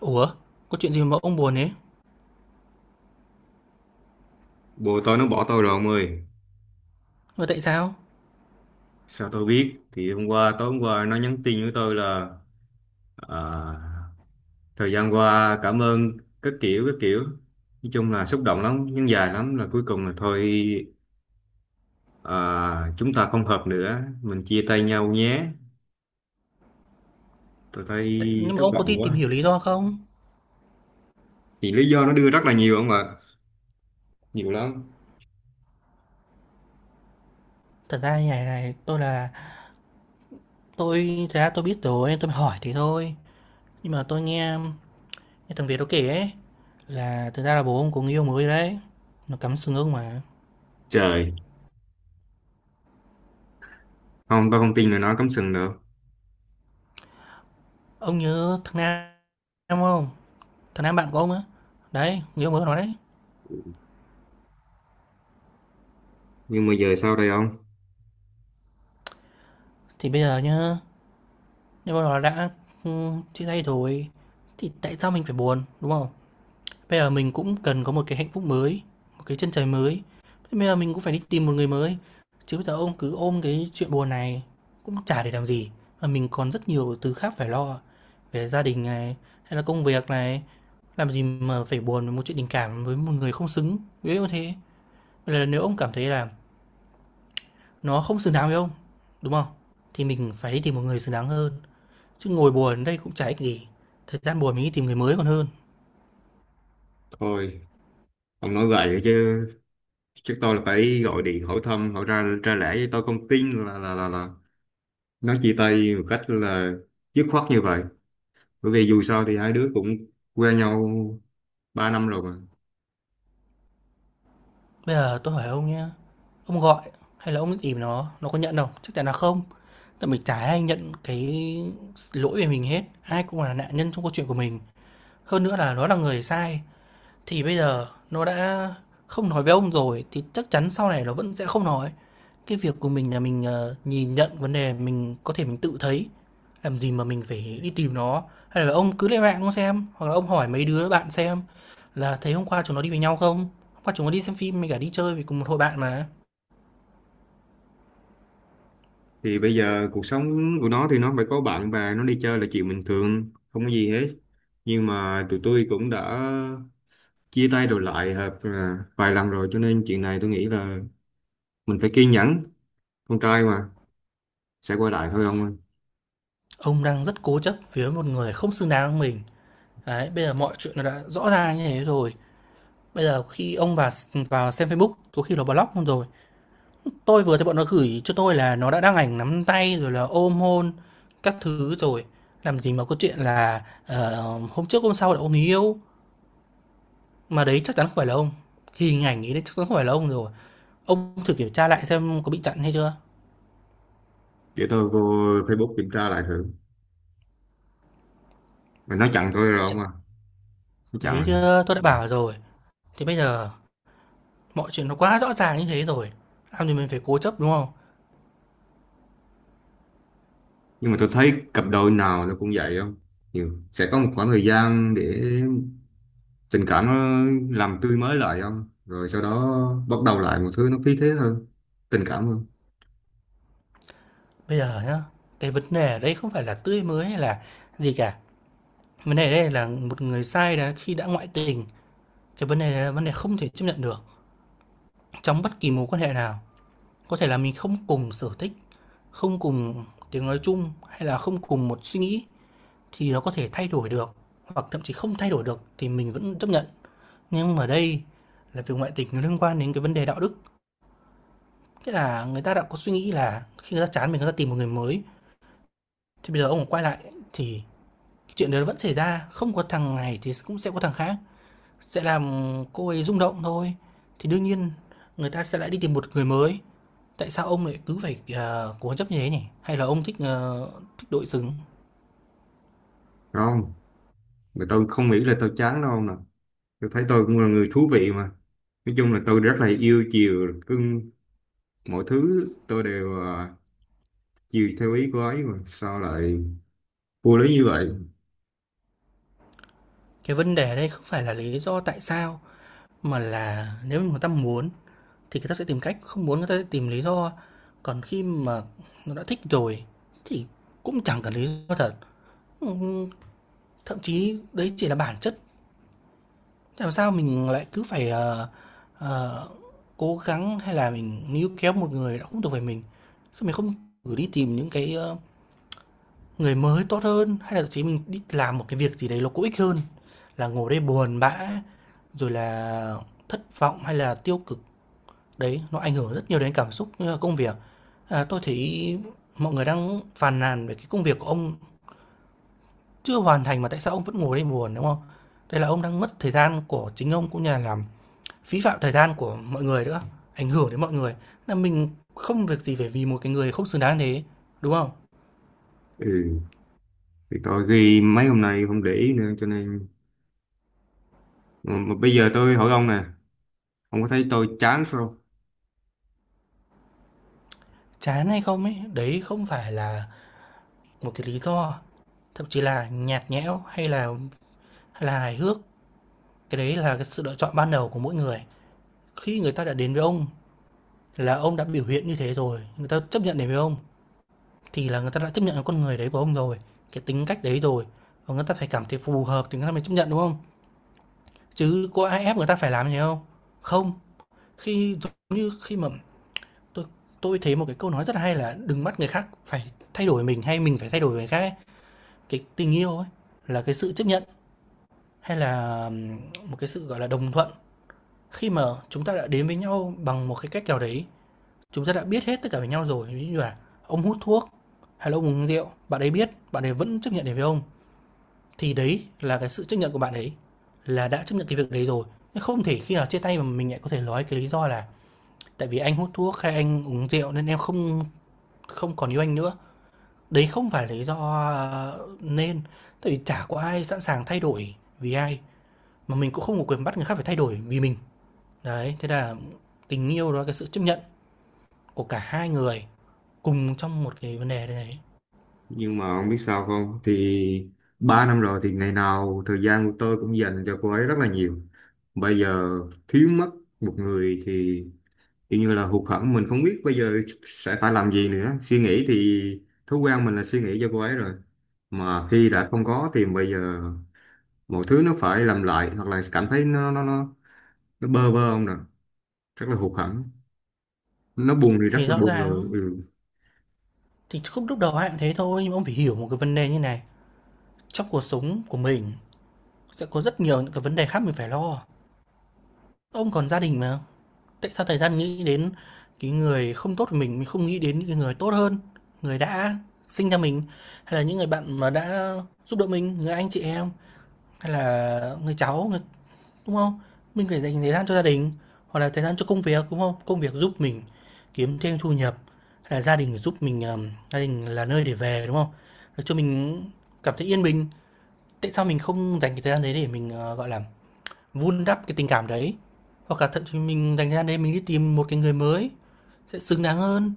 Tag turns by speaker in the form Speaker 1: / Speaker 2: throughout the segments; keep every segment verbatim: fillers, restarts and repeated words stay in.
Speaker 1: Ủa, có chuyện gì mà ông buồn thế?
Speaker 2: Bồ tôi nó bỏ tôi rồi ông ơi.
Speaker 1: Mà tại sao?
Speaker 2: Sao tôi biết? Thì hôm qua, tối hôm qua nó nhắn tin với tôi là à, thời gian qua cảm ơn các kiểu các kiểu. Nói chung là xúc động lắm, nhưng dài lắm là cuối cùng là thôi à, chúng ta không hợp nữa, mình chia tay nhau nhé. Tôi thấy
Speaker 1: Tại, nhưng mà
Speaker 2: thất
Speaker 1: ông có
Speaker 2: vọng
Speaker 1: đi tìm
Speaker 2: quá.
Speaker 1: hiểu lý do không?
Speaker 2: Thì lý do nó đưa rất là nhiều không ạ, nhiều lắm.
Speaker 1: Thật ra như này này, tôi là tôi thật ra tôi biết rồi, nên tôi mới hỏi thế thôi. Nhưng mà tôi nghe, nghe thằng Việt nó kể ấy là thật ra là bố ông có người yêu mới đấy. Nó cắm sừng ông mà.
Speaker 2: Trời, không tôi không tin là nó cắm sừng được.
Speaker 1: Ông nhớ thằng Nam Nam không? Thằng Nam bạn của ông á. Đấy, người yêu mới của nó đấy.
Speaker 2: Nhưng mà giờ sao đây ông?
Speaker 1: Thì bây giờ nhá, nếu mà nó đã ừ, chia tay rồi thì tại sao mình phải buồn, đúng không? Bây giờ mình cũng cần có một cái hạnh phúc mới, một cái chân trời mới. Bây giờ mình cũng phải đi tìm một người mới. Chứ bây giờ ông cứ ôm cái chuyện buồn này cũng chả để làm gì. Mà mình còn rất nhiều thứ khác phải lo. Về gia đình này, hay là công việc này. Làm gì mà phải buồn với một chuyện tình cảm với một người không xứng. Ví dụ thế. Vậy là nếu ông cảm thấy là nó không xứng đáng với ông, đúng không? Thì mình phải đi tìm một người xứng đáng hơn. Chứ ngồi buồn ở đây cũng chả ích gì. Thời gian buồn mình đi tìm người mới còn hơn.
Speaker 2: Thôi, ông nói vậy chứ chắc tôi là phải gọi điện hỏi thăm, hỏi ra ra lẽ, với tôi không tin là là là là nói chia tay một cách là dứt khoát như vậy. Bởi vì dù sao thì hai đứa cũng quen nhau ba năm rồi mà.
Speaker 1: Bây giờ tôi hỏi ông nhé, ông gọi hay là ông tìm nó, nó có nhận không? Chắc chắn là không. Tại mình chả ai nhận cái lỗi về mình hết, ai cũng là nạn nhân trong câu chuyện của mình. Hơn nữa là nó là người sai, thì bây giờ nó đã không nói với ông rồi thì chắc chắn sau này nó vẫn sẽ không nói. Cái việc của mình là mình, ờ, nhìn nhận vấn đề mình có thể mình tự thấy, làm gì mà mình phải đi tìm nó. Hay là ông cứ lên mạng ông xem, hoặc là ông hỏi mấy đứa bạn xem là thấy hôm qua chúng nó đi với nhau không? Hôm qua chúng nó đi xem phim với cả đi chơi với cùng một hội bạn mà."
Speaker 2: Thì bây giờ cuộc sống của nó thì nó phải có bạn bè, nó đi chơi là chuyện bình thường, không có gì hết. Nhưng mà tụi tôi cũng đã chia tay rồi lại hợp à, vài lần rồi cho nên chuyện này tôi nghĩ là mình phải kiên nhẫn, con trai mà sẽ quay lại thôi ông ơi.
Speaker 1: Ông đang rất cố chấp với một người không xứng đáng với mình. Đấy, bây giờ mọi chuyện nó đã rõ ra như thế rồi, bây giờ khi ông vào vào xem Facebook, có khi nó block luôn rồi. Tôi vừa thấy bọn nó gửi cho tôi là nó đã đăng ảnh nắm tay rồi là ôm hôn các thứ rồi, làm gì mà có chuyện là, ờ, hôm trước hôm sau là ông người yêu, mà đấy chắc chắn không phải là ông. Hình ảnh ấy đấy chắc chắn không phải là ông rồi. Ông thử kiểm tra lại xem có bị chặn hay chưa?
Speaker 2: Để tôi vô Facebook kiểm tra lại thử. Mà nó chặn tôi rồi ông
Speaker 1: Chặn
Speaker 2: à.
Speaker 1: đấy
Speaker 2: Chặn rồi.
Speaker 1: chưa tôi đã
Speaker 2: Ừ.
Speaker 1: bảo rồi. Thì bây giờ mọi chuyện nó quá rõ ràng như thế rồi, làm gì mình phải cố chấp, đúng không?
Speaker 2: Nhưng mà tôi thấy cặp đôi nào nó cũng vậy không? Nhiều. Sẽ có một khoảng thời gian để tình cảm nó làm tươi mới lại không? Rồi sau đó bắt đầu lại một thứ nó phí thế hơn, tình cảm hơn.
Speaker 1: Bây giờ nhá, cái vấn đề ở đây không phải là tươi mới hay là gì cả, vấn đề ở đây là một người sai đã khi đã ngoại tình, cái vấn đề này là vấn đề không thể chấp nhận được. Trong bất kỳ mối quan hệ nào, có thể là mình không cùng sở thích, không cùng tiếng nói chung hay là không cùng một suy nghĩ thì nó có thể thay đổi được, hoặc thậm chí không thay đổi được thì mình vẫn chấp nhận. Nhưng mà đây là việc ngoại tình nó liên quan đến cái vấn đề đạo đức. Nghĩa là người ta đã có suy nghĩ là khi người ta chán mình người ta tìm một người mới thì bây giờ ông quay lại thì cái chuyện đó vẫn xảy ra, không có thằng này thì cũng sẽ có thằng khác. Sẽ làm cô ấy rung động thôi, thì đương nhiên người ta sẽ lại đi tìm một người mới. Tại sao ông lại cứ phải, ờ, cố chấp như thế nhỉ? Hay là ông thích, ờ, thích đội xứng?
Speaker 2: Đúng không? Mà tôi không nghĩ là tôi chán đâu nè. Tôi thấy tôi cũng là người thú vị mà. Nói chung là tôi rất là yêu chiều, cưng mọi thứ tôi đều à, chiều theo ý của ấy mà. Sao lại vô lý như vậy?
Speaker 1: Cái vấn đề ở đây không phải là lý do tại sao, mà là nếu người ta muốn thì người ta sẽ tìm cách, không muốn người ta sẽ tìm lý do. Còn khi mà nó đã thích rồi thì cũng chẳng cần lý do thật. Thậm chí đấy chỉ là bản chất. Làm sao mình lại cứ phải, ờ, ờ, cố gắng hay là mình níu kéo một người đã không thuộc về mình? Sao mình không thử đi tìm những cái, ơ, người mới tốt hơn, hay là thậm chí mình đi làm một cái việc gì đấy nó có ích hơn là ngồi đây buồn bã, rồi là thất vọng hay là tiêu cực. Đấy, nó ảnh hưởng rất nhiều đến cảm xúc như là công việc. À, tôi thấy mọi người đang phàn nàn về cái công việc của ông chưa hoàn thành mà tại sao ông vẫn ngồi đây buồn, đúng không? Đây là ông đang mất thời gian của chính ông cũng như là làm phí phạm thời gian của mọi người nữa, ảnh hưởng đến mọi người. Là mình không việc gì phải vì một cái người không xứng đáng thế, đúng không?
Speaker 2: Ừ. Thì tôi ghi mấy hôm nay không để ý nữa cho nên... Mà, mà bây giờ tôi hỏi ông nè, ông có thấy tôi chán không?
Speaker 1: Chán hay không ấy, đấy không phải là một cái lý do, thậm chí là nhạt nhẽo hay là hay là hài hước, cái đấy là cái sự lựa chọn ban đầu của mỗi người. Khi người ta đã đến với ông là ông đã biểu hiện như thế rồi, người ta chấp nhận đến với ông thì là người ta đã chấp nhận con người đấy của ông rồi, cái tính cách đấy rồi. Và người ta phải cảm thấy phù hợp thì người ta mới chấp nhận đúng không? Chứ có ai ép người ta phải làm gì không? Không. Khi giống như khi mà tôi tôi thấy một cái câu nói rất là hay là "Đừng bắt người khác phải thay đổi mình hay mình phải thay đổi người khác" ấy. Cái tình yêu ấy là cái sự chấp nhận hay là, một cái sự, gọi là, đồng thuận. Khi mà chúng ta đã đến với nhau bằng một cái cách nào đấy, chúng ta đã biết hết tất cả về nhau rồi, ví dụ như là ông hút thuốc hay là ông uống rượu, bạn ấy biết, bạn ấy vẫn chấp nhận đến với ông, thì đấy là cái sự chấp nhận của bạn ấy, là đã chấp nhận cái việc đấy rồi. Không thể khi nào chia tay mà mình lại có thể nói cái lý do là tại vì anh hút thuốc hay anh uống rượu nên em không không còn yêu anh nữa. Đấy không phải lý do, ờ, nên, tại vì chả có ai sẵn sàng thay đổi vì ai, mà mình cũng không có quyền bắt người khác phải thay đổi vì mình. Đấy, thế là tình yêu đó là cái sự chấp nhận của cả hai người cùng trong một cái vấn đề đấy.
Speaker 2: Nhưng mà ông biết sao không? Thì ba năm rồi thì ngày nào thời gian của tôi cũng dành cho cô ấy rất là nhiều. Bây giờ thiếu mất một người thì kiểu như là hụt hẫng, mình không biết bây giờ sẽ phải làm gì nữa. Suy nghĩ thì thói quen mình là suy nghĩ cho cô ấy rồi. Mà khi đã không có thì bây giờ mọi thứ nó phải làm lại, hoặc là cảm thấy nó nó nó nó bơ vơ không nè, rất là hụt hẫng. Nó buồn thì rất
Speaker 1: Thì
Speaker 2: là
Speaker 1: rõ
Speaker 2: buồn rồi.
Speaker 1: ràng
Speaker 2: Ừ.
Speaker 1: thì khúc lúc đầu ai cũng thế thôi, nhưng mà ông phải hiểu một cái vấn đề như này, trong cuộc sống của mình sẽ có rất nhiều những cái vấn đề khác mình phải lo. Ông còn gia đình mà. Tại sao thời gian nghĩ đến cái người không tốt của mình, mình không nghĩ đến những cái người tốt hơn, người đã sinh ra mình, hay là những người bạn mà đã giúp đỡ mình, người anh chị em, hay là người cháu, người đúng không? Mình phải dành thời gian cho gia đình, hoặc là thời gian cho công việc, đúng không? Công việc giúp mình kiếm thêm thu nhập, hay là gia đình giúp mình, ờm, gia đình là nơi để về, đúng không? Để cho mình cảm thấy yên bình. Tại sao mình không dành cái thời gian đấy để mình, ờ, gọi là, vun đắp cái tình cảm đấy, hoặc là thậm chí mình dành ra đấy mình đi tìm một cái người mới sẽ xứng đáng hơn,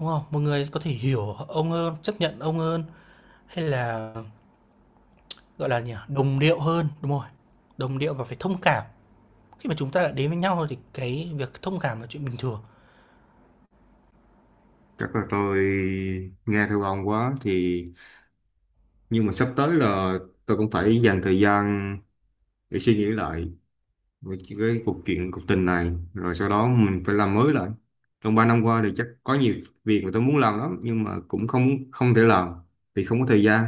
Speaker 1: đúng không? Một người có thể hiểu ông hơn, chấp nhận ông hơn, hay là, gọi là nhỉ, đồng điệu hơn, đúng rồi, đồng điệu và phải thông cảm. Khi mà chúng ta đã đến với nhau rồi thì cái việc thông cảm là chuyện bình thường.
Speaker 2: Chắc là tôi nghe theo ông quá, thì nhưng mà sắp tới là tôi cũng phải dành thời gian để suy nghĩ lại về cái cuộc chuyện cuộc tình này, rồi sau đó mình phải làm mới lại. Trong ba năm qua thì chắc có nhiều việc mà tôi muốn làm lắm nhưng mà cũng không không thể làm vì không có thời gian,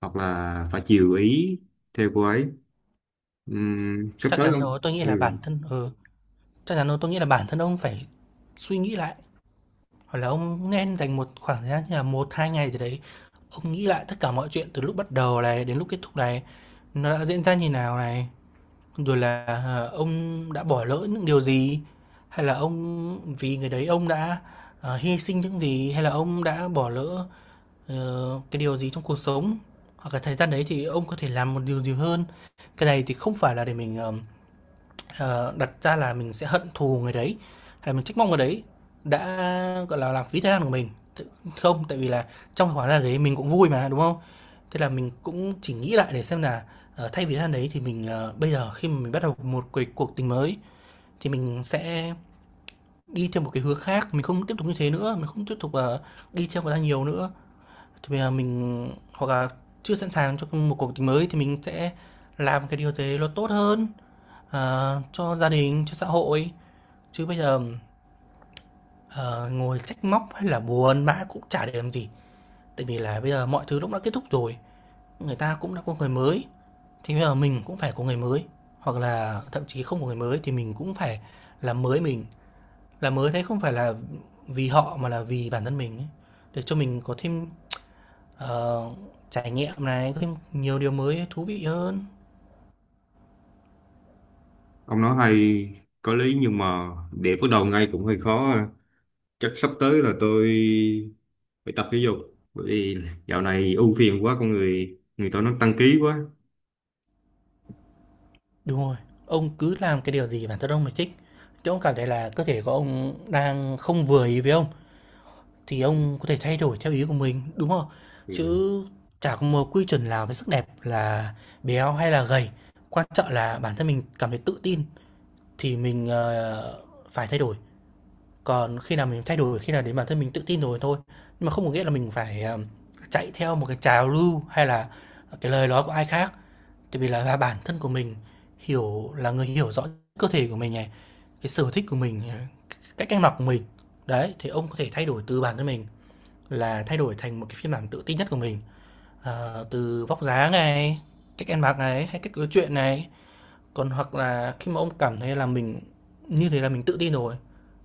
Speaker 2: hoặc là phải chiều ý theo cô ấy. Ừm, sắp
Speaker 1: Chắc
Speaker 2: tới
Speaker 1: chắn
Speaker 2: không
Speaker 1: đó, tôi nghĩ là bản
Speaker 2: ừ,
Speaker 1: thân ừ, Chắc chắn đó, tôi nghĩ là bản thân ông phải suy nghĩ lại. Hoặc là ông nên dành một khoảng thời gian như là một hai ngày gì đấy, ông nghĩ lại tất cả mọi chuyện từ lúc bắt đầu này đến lúc kết thúc này, nó đã diễn ra như nào này, rồi là, ờ, ông đã bỏ lỡ những điều gì, hay là ông vì người đấy ông đã, ờ, hy sinh những gì, hay là ông đã bỏ lỡ, ờ, cái điều gì trong cuộc sống. Hoặc là thời gian đấy thì ông có thể làm một điều gì hơn. Cái này thì không phải là để mình, ờm, Ờ, đặt ra là mình sẽ hận thù người đấy, hay là mình trách móc người đấy đã, gọi là, làm phí thời gian của mình. Không, tại vì là trong cái khoảng thời gian đấy mình cũng vui mà, đúng không? Thế là mình cũng chỉ nghĩ lại để xem là, ờ, thay vì thời gian đấy thì mình, ờ, bây giờ khi mà mình bắt đầu một cái cuộc tình mới thì mình sẽ đi theo một cái hướng khác, mình không tiếp tục như thế nữa, mình không tiếp tục, ờ, đi theo người ta nhiều nữa. Thì bây giờ mình hoặc là chưa sẵn sàng cho một cuộc tình mới thì mình sẽ làm cái điều gì đấy nó tốt hơn, ờ, cho gia đình, cho xã hội. Chứ bây giờ, ờ, ngồi trách móc hay là buồn bã cũng chả để làm gì, tại vì là bây giờ mọi thứ lúc đã kết thúc rồi, người ta cũng đã có người mới, thì bây giờ mình cũng phải có người mới, hoặc là thậm chí không có người mới thì mình cũng phải làm mới mình. Làm mới đấy không phải là vì họ mà là vì bản thân mình ấy, để cho mình có thêm, ờ, trải nghiệm này, có thêm nhiều điều mới thú vị hơn.
Speaker 2: ông nói hay có lý nhưng mà để bắt đầu ngay cũng hơi khó à. Chắc sắp tới là tôi phải tập thể dục, bởi vì dạo này ưu phiền quá, con người người tôi nó tăng ký quá.
Speaker 1: Đúng rồi, ông cứ làm cái điều gì bản thân ông là thích, chứ ông cảm thấy là cơ thể của ông đang không vừa ý với ông thì ông có thể thay đổi theo ý của mình, đúng không? Chứ
Speaker 2: Ừ.
Speaker 1: chả có một quy chuẩn nào về sắc đẹp là béo hay là gầy, quan trọng là bản thân mình cảm thấy tự tin thì mình, ờ, phải thay đổi. Còn khi nào mình thay đổi khi nào đến bản thân mình tự tin rồi thôi, nhưng mà không có nghĩa là mình phải, ờ, chạy theo một cái trào lưu hay là cái lời nói của ai khác. Tại vì là bản thân của mình hiểu là người hiểu rõ cơ thể của mình này, cái sở thích của mình, ờ, cách ăn mặc của mình. Đấy, thì ông có thể thay đổi từ bản thân mình. Là thay đổi thành một cái phiên bản tự tin nhất của mình, ờ, từ vóc dáng này, cách ăn mặc này, hay cách nói chuyện này. Còn hoặc là khi mà ông cảm thấy là mình như thế là mình tự tin rồi,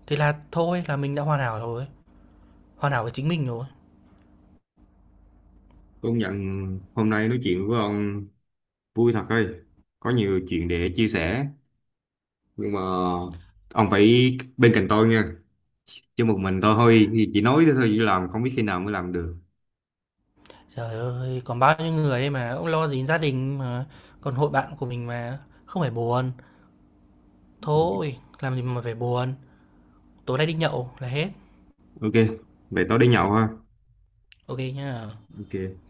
Speaker 1: thì là thôi là mình đã hoàn hảo rồi, hoàn hảo với chính mình rồi.
Speaker 2: Công nhận hôm nay nói chuyện với ông vui thật ơi, có nhiều chuyện để chia sẻ, nhưng mà ông phải bên cạnh tôi nha, chứ một mình tôi thôi thì chỉ nói thế thôi chỉ làm, không biết khi nào mới làm được.
Speaker 1: Trời ơi, còn bao nhiêu người đây mà, ông lo gì gia đình mà, còn hội bạn của mình mà, không phải buồn. Thôi, làm gì mà phải buồn, tối nay đi nhậu là hết.
Speaker 2: OK, vậy tối đi nhậu ha.
Speaker 1: OK nhá.
Speaker 2: OK.